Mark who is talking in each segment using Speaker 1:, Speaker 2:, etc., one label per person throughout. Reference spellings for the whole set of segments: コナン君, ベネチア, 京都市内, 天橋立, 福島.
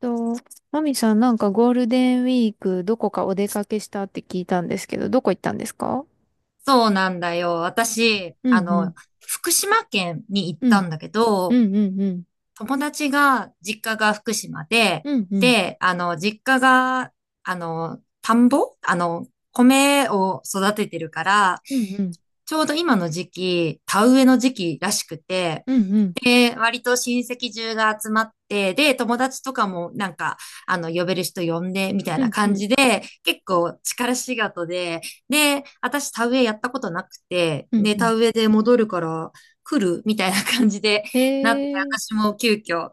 Speaker 1: と、マミさん、なんかゴールデンウィーク、どこかお出かけしたって聞いたんですけど、どこ行ったんですか？
Speaker 2: そうなんだよ。私、
Speaker 1: うんうん。
Speaker 2: 福島県に行っ
Speaker 1: う
Speaker 2: た
Speaker 1: ん。
Speaker 2: んだけ
Speaker 1: う
Speaker 2: ど、
Speaker 1: んうんうん。
Speaker 2: 友達が、実家が福島で、
Speaker 1: うんうん。
Speaker 2: で、実家が、あの、田んぼあの、米を育ててるから、
Speaker 1: うんうん。
Speaker 2: ちょうど今の時期、田植えの時期らしくて、
Speaker 1: うんうん。
Speaker 2: で、割と親戚中が集まって、で、友達とかもなんか、呼べる人呼んで、みたい
Speaker 1: う
Speaker 2: な
Speaker 1: んう
Speaker 2: 感
Speaker 1: ん。
Speaker 2: じで、結構力仕事で、で、私田植えやったことなくて、
Speaker 1: うん
Speaker 2: で、
Speaker 1: うん。
Speaker 2: 田植えで戻るから来るみたいな感じでなって、
Speaker 1: えー。
Speaker 2: 私も急遽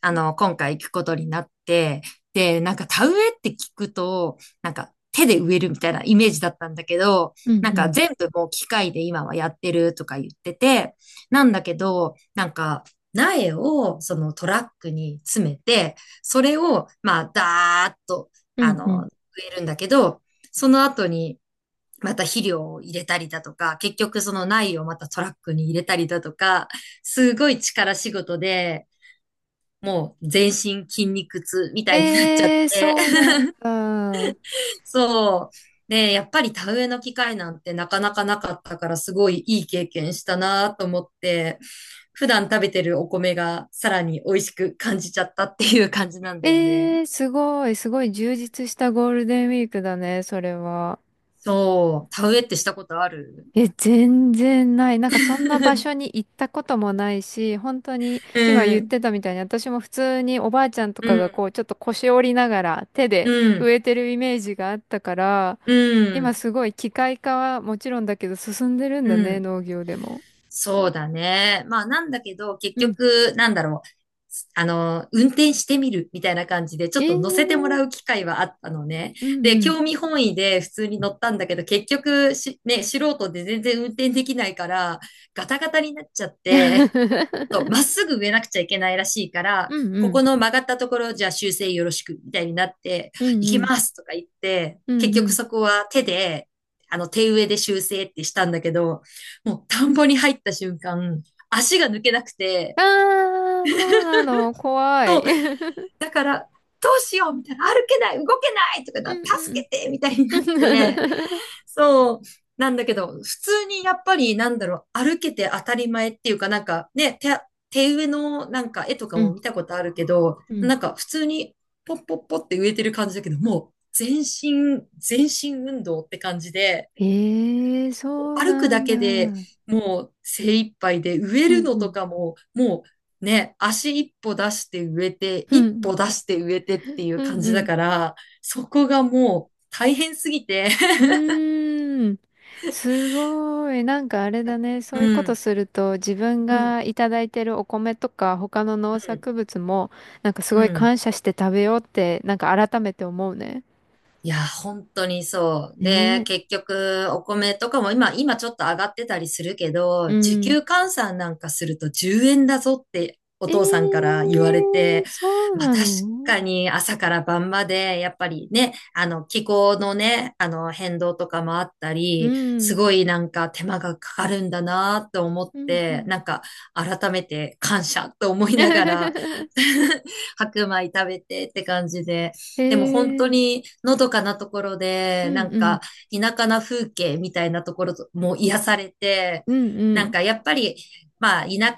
Speaker 2: 今回行くことになって、で、なんか田植えって聞くと、なんか手で植えるみたいなイメージだったんだけど、
Speaker 1: うん
Speaker 2: なん
Speaker 1: う
Speaker 2: か
Speaker 1: ん。
Speaker 2: 全部もう機械で今はやってるとか言ってて、なんだけど、なんか苗をそのトラックに詰めて、それをまあダーッと、
Speaker 1: うんうん。
Speaker 2: 植えるんだけど、その後に、また肥料を入れたりだとか、結局その苗をまたトラックに入れたりだとか、すごい力仕事で、もう全身筋肉痛みたいになっちゃっ
Speaker 1: えー、
Speaker 2: て、
Speaker 1: そうなんだ。
Speaker 2: そう。で、やっぱり田植えの機会なんてなかなかなかったから、すごいいい経験したなと思って、普段食べてるお米がさらに美味しく感じちゃったっていう感じなんだよね。
Speaker 1: えー、すごい、すごい充実したゴールデンウィークだね、それは。
Speaker 2: そう。田植えってしたことある？
Speaker 1: え、全然ない。なんかそんな場所に 行ったこともないし、本当に今
Speaker 2: う
Speaker 1: 言っ
Speaker 2: ん。
Speaker 1: てたみたいに私も普通におばあちゃんとか
Speaker 2: う
Speaker 1: がこ
Speaker 2: ん。
Speaker 1: うちょっと腰折りながら手
Speaker 2: う
Speaker 1: で
Speaker 2: ん。
Speaker 1: 植えてるイメージがあったから、
Speaker 2: う
Speaker 1: 今
Speaker 2: ん。
Speaker 1: すごい機械化はもちろんだけど進んでるん
Speaker 2: う
Speaker 1: だね、
Speaker 2: ん。
Speaker 1: 農業でも。
Speaker 2: そうだね。まあ、なんだけど、結
Speaker 1: うん。
Speaker 2: 局、なんだろう。運転してみるみたいな感じで、ち
Speaker 1: え
Speaker 2: ょっ
Speaker 1: え
Speaker 2: と乗せても
Speaker 1: ー。
Speaker 2: らう機会はあったのね。
Speaker 1: うんう
Speaker 2: で、
Speaker 1: ん。
Speaker 2: 興味本位で普通に乗ったんだけど、結局し、ね、素人で全然運転できないから、ガタガタになっちゃって、とまっ すぐ植えなくちゃいけないらしいから、
Speaker 1: うんう
Speaker 2: ここ
Speaker 1: ん。
Speaker 2: の曲がったところじゃあ修正よろしくみたいになって、
Speaker 1: うん
Speaker 2: 行
Speaker 1: う
Speaker 2: き
Speaker 1: ん。
Speaker 2: ますとか言って、
Speaker 1: うん
Speaker 2: 結
Speaker 1: う
Speaker 2: 局
Speaker 1: ん。
Speaker 2: そこは手で、手植えで修正ってしたんだけど、もう田んぼに入った瞬間、足が抜けなくて、
Speaker 1: ああ、そうなの。怖
Speaker 2: そ
Speaker 1: い。
Speaker 2: う、だから、どうしようみたいな、歩けない、動けないとか
Speaker 1: う
Speaker 2: な、
Speaker 1: んう
Speaker 2: 助
Speaker 1: ん。
Speaker 2: けてみたいになって、そう。なんだけど、普通にやっぱりなんだろう、歩けて当たり前っていうかなんかね、手植えのなんか絵とか
Speaker 1: う
Speaker 2: も
Speaker 1: ん。
Speaker 2: 見た ことあるけど、
Speaker 1: うん。
Speaker 2: なんか普通にポッポッポって植えてる感じだけど、もう全身、全身運動って感じで、
Speaker 1: ええ、そう
Speaker 2: 歩く
Speaker 1: な
Speaker 2: だ
Speaker 1: んだ。
Speaker 2: け
Speaker 1: う
Speaker 2: で
Speaker 1: ん
Speaker 2: もう精一杯で植え
Speaker 1: う
Speaker 2: るのと
Speaker 1: ん。
Speaker 2: かも、もうね、足一歩出して植えて、
Speaker 1: う
Speaker 2: 一
Speaker 1: ん。
Speaker 2: 歩出して植えてっていう
Speaker 1: う
Speaker 2: 感
Speaker 1: ん
Speaker 2: じ
Speaker 1: う
Speaker 2: だ
Speaker 1: ん。
Speaker 2: から、そこがもう大変すぎて、
Speaker 1: う ーん。すごい。なんかあれだね。そ
Speaker 2: う
Speaker 1: ういうこと
Speaker 2: ん、
Speaker 1: すると、自分
Speaker 2: うん。
Speaker 1: がいただいてるお米とか、他の
Speaker 2: う
Speaker 1: 農
Speaker 2: ん。
Speaker 1: 作物も、なんかす
Speaker 2: う
Speaker 1: ごい
Speaker 2: ん。
Speaker 1: 感謝して食べようって、なんか改めて思うね。
Speaker 2: いや、本当にそう。
Speaker 1: ね
Speaker 2: で、
Speaker 1: え。
Speaker 2: 結局、お米とかも今ちょっと上がってたりするけ
Speaker 1: う
Speaker 2: ど、時
Speaker 1: ん。
Speaker 2: 給換算なんかすると10円だぞってお父さんか
Speaker 1: ええ、
Speaker 2: ら言われて、
Speaker 1: そう
Speaker 2: まあ
Speaker 1: な
Speaker 2: 確
Speaker 1: の。
Speaker 2: かに朝から晩まで、やっぱりね、気候のね、変動とかもあった
Speaker 1: う
Speaker 2: り、す
Speaker 1: ん。
Speaker 2: ごいなんか手間がかかるんだなと思っ
Speaker 1: うんう
Speaker 2: て、
Speaker 1: ん。
Speaker 2: なんか改めて感謝と思いながら 白米食べてって感じで、でも本当
Speaker 1: ええ。
Speaker 2: にのどかなところ
Speaker 1: う
Speaker 2: で、
Speaker 1: ん
Speaker 2: なん
Speaker 1: うん。
Speaker 2: か田舎な風景みたいなところとも癒されて、
Speaker 1: うんう
Speaker 2: なん
Speaker 1: ん。
Speaker 2: かやっぱり、まあ田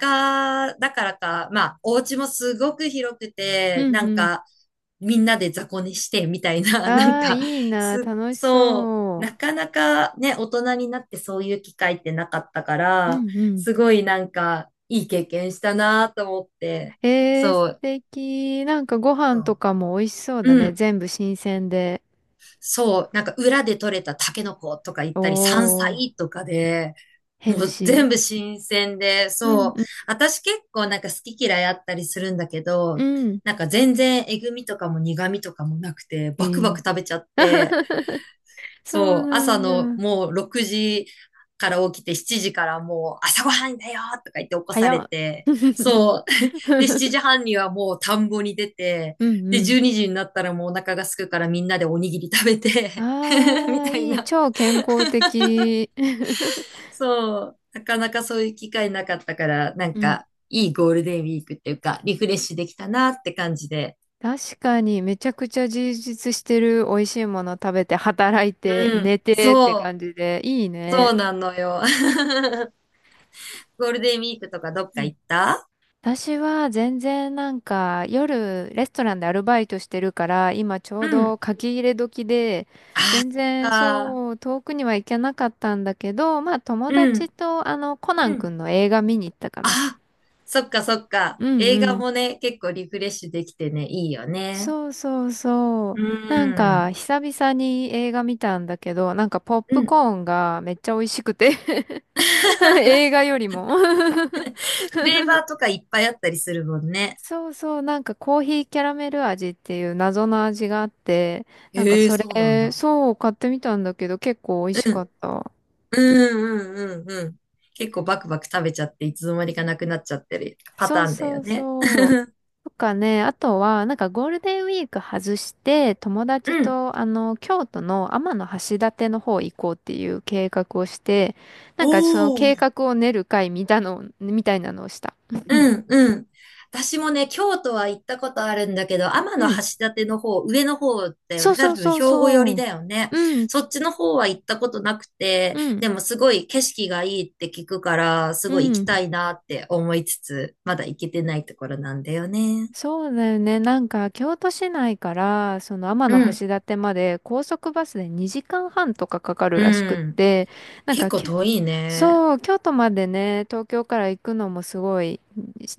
Speaker 2: 舎だからか、まあお家もすごく広く
Speaker 1: う
Speaker 2: て、
Speaker 1: ん
Speaker 2: なん
Speaker 1: うん。
Speaker 2: かみんなで雑魚寝してみたいな、なん
Speaker 1: ああ、
Speaker 2: か、
Speaker 1: いいな、楽し
Speaker 2: そう、な
Speaker 1: そ
Speaker 2: かなかね、大人になってそういう機会ってなかったか
Speaker 1: う。う
Speaker 2: ら、
Speaker 1: んうん。
Speaker 2: すごいなんかいい経験したなと思って、
Speaker 1: えー、素
Speaker 2: そう、
Speaker 1: 敵。なんかご
Speaker 2: そ
Speaker 1: 飯と
Speaker 2: う、
Speaker 1: かも美味しそうだ
Speaker 2: う
Speaker 1: ね。
Speaker 2: ん。
Speaker 1: 全部新鮮で。
Speaker 2: そう、なんか裏で採れたタケノコとか言っ
Speaker 1: お
Speaker 2: たり、山
Speaker 1: ー、
Speaker 2: 菜とかで、
Speaker 1: ヘ
Speaker 2: も
Speaker 1: ル
Speaker 2: う
Speaker 1: シ
Speaker 2: 全部新鮮で、
Speaker 1: ー。う
Speaker 2: そう。
Speaker 1: ん
Speaker 2: 私結構なんか好き嫌いあったりするんだけ
Speaker 1: う
Speaker 2: ど、
Speaker 1: んうん。
Speaker 2: なんか全然えぐみとかも苦みとかもなくて、
Speaker 1: え
Speaker 2: バクバク
Speaker 1: ー。
Speaker 2: 食べちゃって、
Speaker 1: そう
Speaker 2: そう、
Speaker 1: な
Speaker 2: 朝の
Speaker 1: んだ。
Speaker 2: もう6時から起きて7時からもう朝ごはんだよとか言って起こさ
Speaker 1: 早
Speaker 2: れ
Speaker 1: っ。
Speaker 2: て、そう。で、7 時半にはもう田んぼに出て、
Speaker 1: うんう
Speaker 2: で、
Speaker 1: ん。
Speaker 2: 12時にになったらもうお腹が空くからみんなでおにぎり食べて み
Speaker 1: ああ、
Speaker 2: たい
Speaker 1: いい。
Speaker 2: な。
Speaker 1: 超健康的。
Speaker 2: そう。なかなかそういう機会なかったから、なん
Speaker 1: うん。
Speaker 2: かいいゴールデンウィークっていうか、リフレッシュできたなって感じで。
Speaker 1: 確かにめちゃくちゃ充実してる、美味しいもの食べて働いて
Speaker 2: うん。
Speaker 1: 寝てって
Speaker 2: そう。
Speaker 1: 感じでいい
Speaker 2: そう
Speaker 1: ね。
Speaker 2: なのよ。ゴールデンウィークとかどっ
Speaker 1: う
Speaker 2: か
Speaker 1: ん。
Speaker 2: 行った？
Speaker 1: 私は全然なんか夜レストランでアルバイトしてるから今ちょ
Speaker 2: う
Speaker 1: うど
Speaker 2: ん。
Speaker 1: 書き入れ時で、
Speaker 2: ああ、
Speaker 1: 全
Speaker 2: そっ
Speaker 1: 然
Speaker 2: か。
Speaker 1: そう遠くには行けなかったんだけど、まあ友
Speaker 2: う
Speaker 1: 達
Speaker 2: ん、
Speaker 1: とコナ
Speaker 2: う
Speaker 1: ン
Speaker 2: ん。
Speaker 1: 君の映画見に行ったかな。
Speaker 2: あ、そっかそっか。
Speaker 1: うん
Speaker 2: 映
Speaker 1: う
Speaker 2: 画
Speaker 1: ん。
Speaker 2: もね、結構リフレッシュできてね、いいよね。
Speaker 1: そうそうそう。
Speaker 2: う
Speaker 1: なんか、
Speaker 2: ん。
Speaker 1: 久々に映画見たんだけど、なんかポッ
Speaker 2: う
Speaker 1: プ
Speaker 2: ん。
Speaker 1: コーンがめっちゃ美味しくて、 映画よりも、
Speaker 2: フレーバーとかいっぱいあったりするもん ね。
Speaker 1: そうそう、なんかコーヒーキャラメル味っていう謎の味があって、なんか
Speaker 2: ええ、
Speaker 1: そ
Speaker 2: そうなん
Speaker 1: れ、
Speaker 2: だ。
Speaker 1: そう、買ってみたんだけど、結構美味し
Speaker 2: う
Speaker 1: かっ
Speaker 2: ん。
Speaker 1: た。
Speaker 2: うんうんうんうん。結構バクバク食べちゃって、いつの間にかなくなっちゃってるパ
Speaker 1: そ
Speaker 2: タ
Speaker 1: う
Speaker 2: ーンだ
Speaker 1: そ
Speaker 2: よ
Speaker 1: う
Speaker 2: ね。
Speaker 1: そう。とかね、あとは、なんかゴールデンウィーク外して、友
Speaker 2: う
Speaker 1: 達
Speaker 2: ん。
Speaker 1: と、京都の天橋立の方行こうっていう計画をして、な
Speaker 2: お
Speaker 1: んかその計
Speaker 2: ー、
Speaker 1: 画を練る会みたいなのをした。
Speaker 2: うん、うん。私もね、京都は行ったことあるんだけど、天橋
Speaker 1: うん。
Speaker 2: 立の方、上の方だよ
Speaker 1: そ
Speaker 2: ね。
Speaker 1: う
Speaker 2: 多
Speaker 1: そう
Speaker 2: 分、
Speaker 1: そ
Speaker 2: 兵
Speaker 1: う
Speaker 2: 庫寄
Speaker 1: そ
Speaker 2: り
Speaker 1: う。
Speaker 2: だよね。
Speaker 1: うん、
Speaker 2: そっちの方は行ったことなくて、
Speaker 1: うん、
Speaker 2: でもすごい景色がいいって聞くから、す
Speaker 1: う
Speaker 2: ごい行きた
Speaker 1: ん。
Speaker 2: いなって思いつつ、まだ行けてないところなんだよね。
Speaker 1: そうだよね。なんか、京都市内から、その天
Speaker 2: うん、
Speaker 1: 橋立まで高速バスで2時間半とかかかる
Speaker 2: う
Speaker 1: らしくっ
Speaker 2: ん。
Speaker 1: て、なん
Speaker 2: 結
Speaker 1: か、
Speaker 2: 構
Speaker 1: き
Speaker 2: 遠いね。
Speaker 1: そう、京都までね、東京から行くのもすごい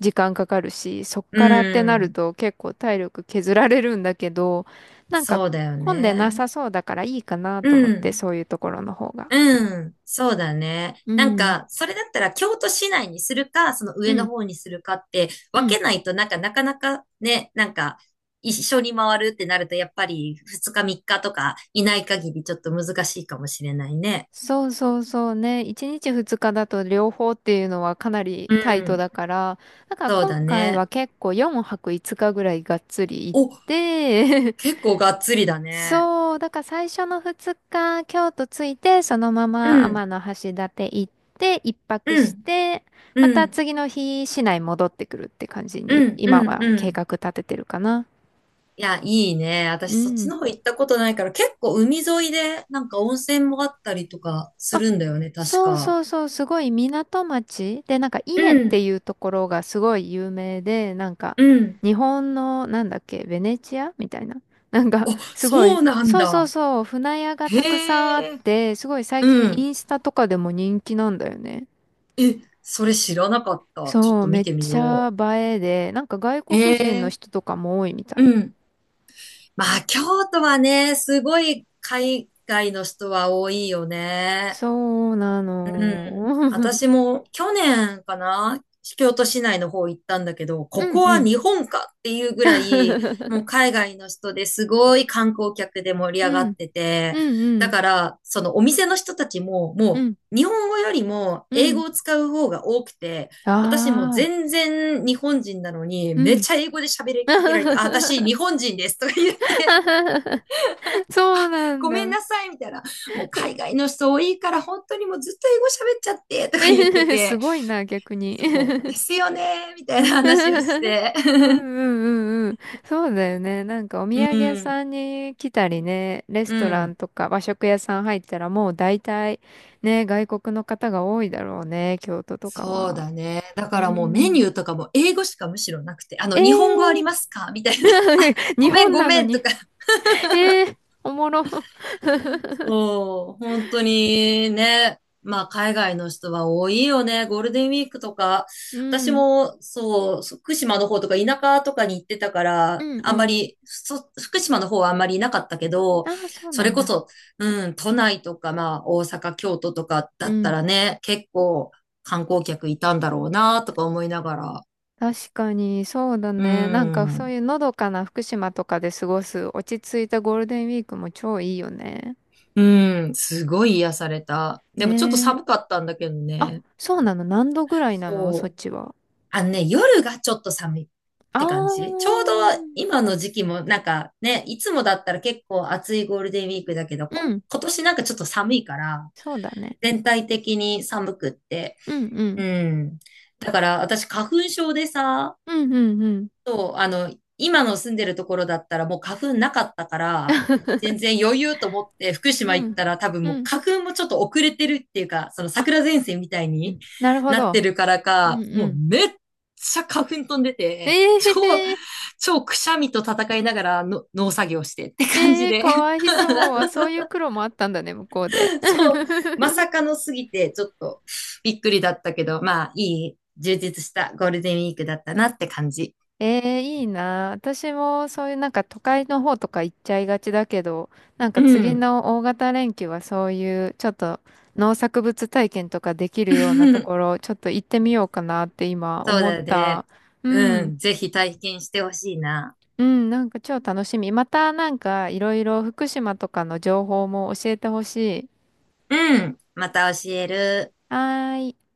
Speaker 1: 時間かかるし、そっ
Speaker 2: う
Speaker 1: からってなる
Speaker 2: ん。
Speaker 1: と結構体力削られるんだけど、なんか
Speaker 2: そうだよ
Speaker 1: 混んでな
Speaker 2: ね。
Speaker 1: さそうだからいいかな
Speaker 2: う
Speaker 1: と思って、
Speaker 2: ん。
Speaker 1: そういうところの方が。
Speaker 2: うん、そうだね。
Speaker 1: う
Speaker 2: なん
Speaker 1: ん、
Speaker 2: か、それだったら京都市内にするか、その
Speaker 1: う
Speaker 2: 上の
Speaker 1: ん、
Speaker 2: 方にするかって
Speaker 1: う
Speaker 2: 分
Speaker 1: ん。
Speaker 2: けないと、なんか、なかなかね、なんか、一緒に回るってなると、やっぱり2日3日とかいない限りちょっと難しいかもしれないね。
Speaker 1: そうそうそうね。1日2日だと両方っていうのはかなり
Speaker 2: う
Speaker 1: タイト
Speaker 2: ん、
Speaker 1: だから、だから
Speaker 2: そう
Speaker 1: 今
Speaker 2: だ
Speaker 1: 回
Speaker 2: ね。
Speaker 1: は結構4泊5日ぐらいがっつり行っ
Speaker 2: お、
Speaker 1: て、
Speaker 2: 結構がっつりだね。
Speaker 1: そう、だから最初の2日、京都着いて、そのま
Speaker 2: う
Speaker 1: ま
Speaker 2: ん、
Speaker 1: 天橋立行って、一泊
Speaker 2: う
Speaker 1: し
Speaker 2: ん、
Speaker 1: て、ま
Speaker 2: う
Speaker 1: た
Speaker 2: ん、
Speaker 1: 次の日、市内戻ってくるって感じ
Speaker 2: う
Speaker 1: に、
Speaker 2: ん、う
Speaker 1: 今
Speaker 2: ん、
Speaker 1: は
Speaker 2: う
Speaker 1: 計
Speaker 2: ん。
Speaker 1: 画立ててるかな。
Speaker 2: いや、いいね。
Speaker 1: う
Speaker 2: 私、そっち
Speaker 1: ん。
Speaker 2: の方行ったことないから、結構海沿いで、なんか温泉もあったりとかす
Speaker 1: あ、
Speaker 2: るんだよね、確
Speaker 1: そう
Speaker 2: か。
Speaker 1: そうそう、すごい港町で、なんか稲
Speaker 2: う
Speaker 1: って
Speaker 2: ん、
Speaker 1: いうところがすごい有名で、なんか
Speaker 2: うん。
Speaker 1: 日本のなんだっけ、ベネチアみたいな。なんか
Speaker 2: あ、
Speaker 1: すご
Speaker 2: そ
Speaker 1: い、
Speaker 2: うなん
Speaker 1: そうそう
Speaker 2: だ。
Speaker 1: そう、船屋がたくさんあっ
Speaker 2: へえ、
Speaker 1: て、すごい最
Speaker 2: う
Speaker 1: 近
Speaker 2: ん。
Speaker 1: インスタとかでも人気なんだよね。
Speaker 2: え、それ知らなかった。ちょっ
Speaker 1: そう、
Speaker 2: と
Speaker 1: め
Speaker 2: 見
Speaker 1: っ
Speaker 2: てみ
Speaker 1: ちゃ
Speaker 2: よ
Speaker 1: 映えで、なんか外
Speaker 2: う。え
Speaker 1: 国人の
Speaker 2: え、
Speaker 1: 人とかも多いみた
Speaker 2: う
Speaker 1: い。
Speaker 2: ん。まあ、京都はね、すごい海外の人は多いよね。
Speaker 1: そうな
Speaker 2: うん。
Speaker 1: の。
Speaker 2: 私も去年かな、京都市内の方行ったんだけど、
Speaker 1: う
Speaker 2: こ
Speaker 1: ん
Speaker 2: こ
Speaker 1: う
Speaker 2: は
Speaker 1: ん。
Speaker 2: 日本かっていうぐらい、もう海外の人ですごい観光客で盛り
Speaker 1: う
Speaker 2: 上がっ
Speaker 1: ん、
Speaker 2: てて、
Speaker 1: うんう
Speaker 2: だ
Speaker 1: ん、
Speaker 2: から、そのお店の人たちも、
Speaker 1: う
Speaker 2: も
Speaker 1: ん、
Speaker 2: う日本語よりも
Speaker 1: う
Speaker 2: 英語
Speaker 1: ん。
Speaker 2: を使う方が多くて、
Speaker 1: あ
Speaker 2: 私も
Speaker 1: あ、
Speaker 2: 全然日本人なのに、
Speaker 1: う
Speaker 2: めっ
Speaker 1: ん。
Speaker 2: ちゃ英語で喋りか けられて、あ、私日本人ですとか言って
Speaker 1: そうなん
Speaker 2: ごめん
Speaker 1: だ。
Speaker 2: なさい、みたいな。もう海外の人多いから、本当にもうずっと英語喋っちゃって、とか言って
Speaker 1: す
Speaker 2: て、
Speaker 1: ごいな、逆に。
Speaker 2: そうですよね、みたいな話をし て。
Speaker 1: うんう んうんうん。そうだよね。なんかお土
Speaker 2: う
Speaker 1: 産屋
Speaker 2: ん、
Speaker 1: さんに来たりね、レス
Speaker 2: う
Speaker 1: トラン
Speaker 2: ん。
Speaker 1: とか和食屋さん入ったらもう大体ね、外国の方が多いだろうね、京都とか
Speaker 2: そう
Speaker 1: は。
Speaker 2: だね。だか
Speaker 1: う
Speaker 2: らもうメ
Speaker 1: ん。
Speaker 2: ニューとかも英語しかむしろなくて、
Speaker 1: え
Speaker 2: 日本語あり
Speaker 1: ー、
Speaker 2: ますかみたいな。あ、ご
Speaker 1: 日
Speaker 2: めん、
Speaker 1: 本
Speaker 2: ご
Speaker 1: なの
Speaker 2: めんと
Speaker 1: に。
Speaker 2: か、
Speaker 1: えー、おもろ。
Speaker 2: そう、本当にね、まあ海外の人は多いよね、ゴールデンウィークとか。
Speaker 1: う
Speaker 2: 私
Speaker 1: ん。
Speaker 2: もそう、福島の方とか田舎とかに行ってたか
Speaker 1: う
Speaker 2: ら、
Speaker 1: ん
Speaker 2: あん
Speaker 1: う
Speaker 2: ま
Speaker 1: ん。
Speaker 2: り、福島の方はあんまりいなかったけど、
Speaker 1: ああ、そう
Speaker 2: そ
Speaker 1: な
Speaker 2: れ
Speaker 1: ん
Speaker 2: こ
Speaker 1: だ。
Speaker 2: そ、うん、都内とか、まあ大阪、京都とかだ
Speaker 1: う
Speaker 2: った
Speaker 1: ん。
Speaker 2: らね、結構観光客いたんだろうな、とか思いながら。
Speaker 1: 確かに、そうだ
Speaker 2: う
Speaker 1: ね。なんかそう
Speaker 2: ん、
Speaker 1: いうのどかな福島とかで過ごす落ち着いたゴールデンウィークも超いいよね。
Speaker 2: うん、すごい癒された。でもちょっと
Speaker 1: ねえ。
Speaker 2: 寒かったんだけど
Speaker 1: あ、
Speaker 2: ね。
Speaker 1: そうなの？何度ぐらいなの、そっ
Speaker 2: そう。
Speaker 1: ちは？
Speaker 2: あのね、夜がちょっと寒いっ
Speaker 1: あ
Speaker 2: て感じ。ちょうど
Speaker 1: ー。
Speaker 2: 今の時期もなんかね、いつもだったら結構暑いゴールデンウィークだけど、
Speaker 1: うん。
Speaker 2: 今年なんかちょっと寒いから、
Speaker 1: そうだね。
Speaker 2: 全体的に寒くって。
Speaker 1: うんう
Speaker 2: う
Speaker 1: ん。
Speaker 2: ん。だから私花粉症でさ、
Speaker 1: うんうんうん。
Speaker 2: そう、今の住んでるところだったらもう花粉なかったから、全然余裕と思って福
Speaker 1: う
Speaker 2: 島行った
Speaker 1: ん。
Speaker 2: ら多分も
Speaker 1: う
Speaker 2: う
Speaker 1: ん。
Speaker 2: 花粉もちょっと遅れてるっていうか、その
Speaker 1: あ、
Speaker 2: 桜前線みたい
Speaker 1: う
Speaker 2: に
Speaker 1: ん、なるほ
Speaker 2: なって
Speaker 1: ど。
Speaker 2: るから
Speaker 1: うん
Speaker 2: か、
Speaker 1: う
Speaker 2: もう
Speaker 1: ん。
Speaker 2: めっちゃ花粉飛んで
Speaker 1: え
Speaker 2: て、超、
Speaker 1: えー、
Speaker 2: 超くしゃみと戦いながらの農作業してって感
Speaker 1: え
Speaker 2: じ
Speaker 1: えー、
Speaker 2: で、
Speaker 1: かわいそう。あ、そういう苦労もあったんだね、向こうで。
Speaker 2: そう、まさ かのすぎてちょっとびっくりだったけど、まあいい充実したゴールデンウィークだったなって感じ。
Speaker 1: ええ、いいな。私もそういうなんか都会の方とか行っちゃいがちだけど、なん
Speaker 2: う
Speaker 1: か次
Speaker 2: ん。
Speaker 1: の大型連休はそういうちょっと農作物体験とかできるようなとこ ろ、ちょっと行ってみようかなって今
Speaker 2: そう
Speaker 1: 思っ
Speaker 2: だ
Speaker 1: た。
Speaker 2: ね。
Speaker 1: う
Speaker 2: う
Speaker 1: ん。
Speaker 2: ん。ぜひ体験してほしいな。
Speaker 1: うん、なんか超楽しみ。またなんかいろいろ福島とかの情報も教えてほしい。
Speaker 2: うん。また教える。
Speaker 1: はーい。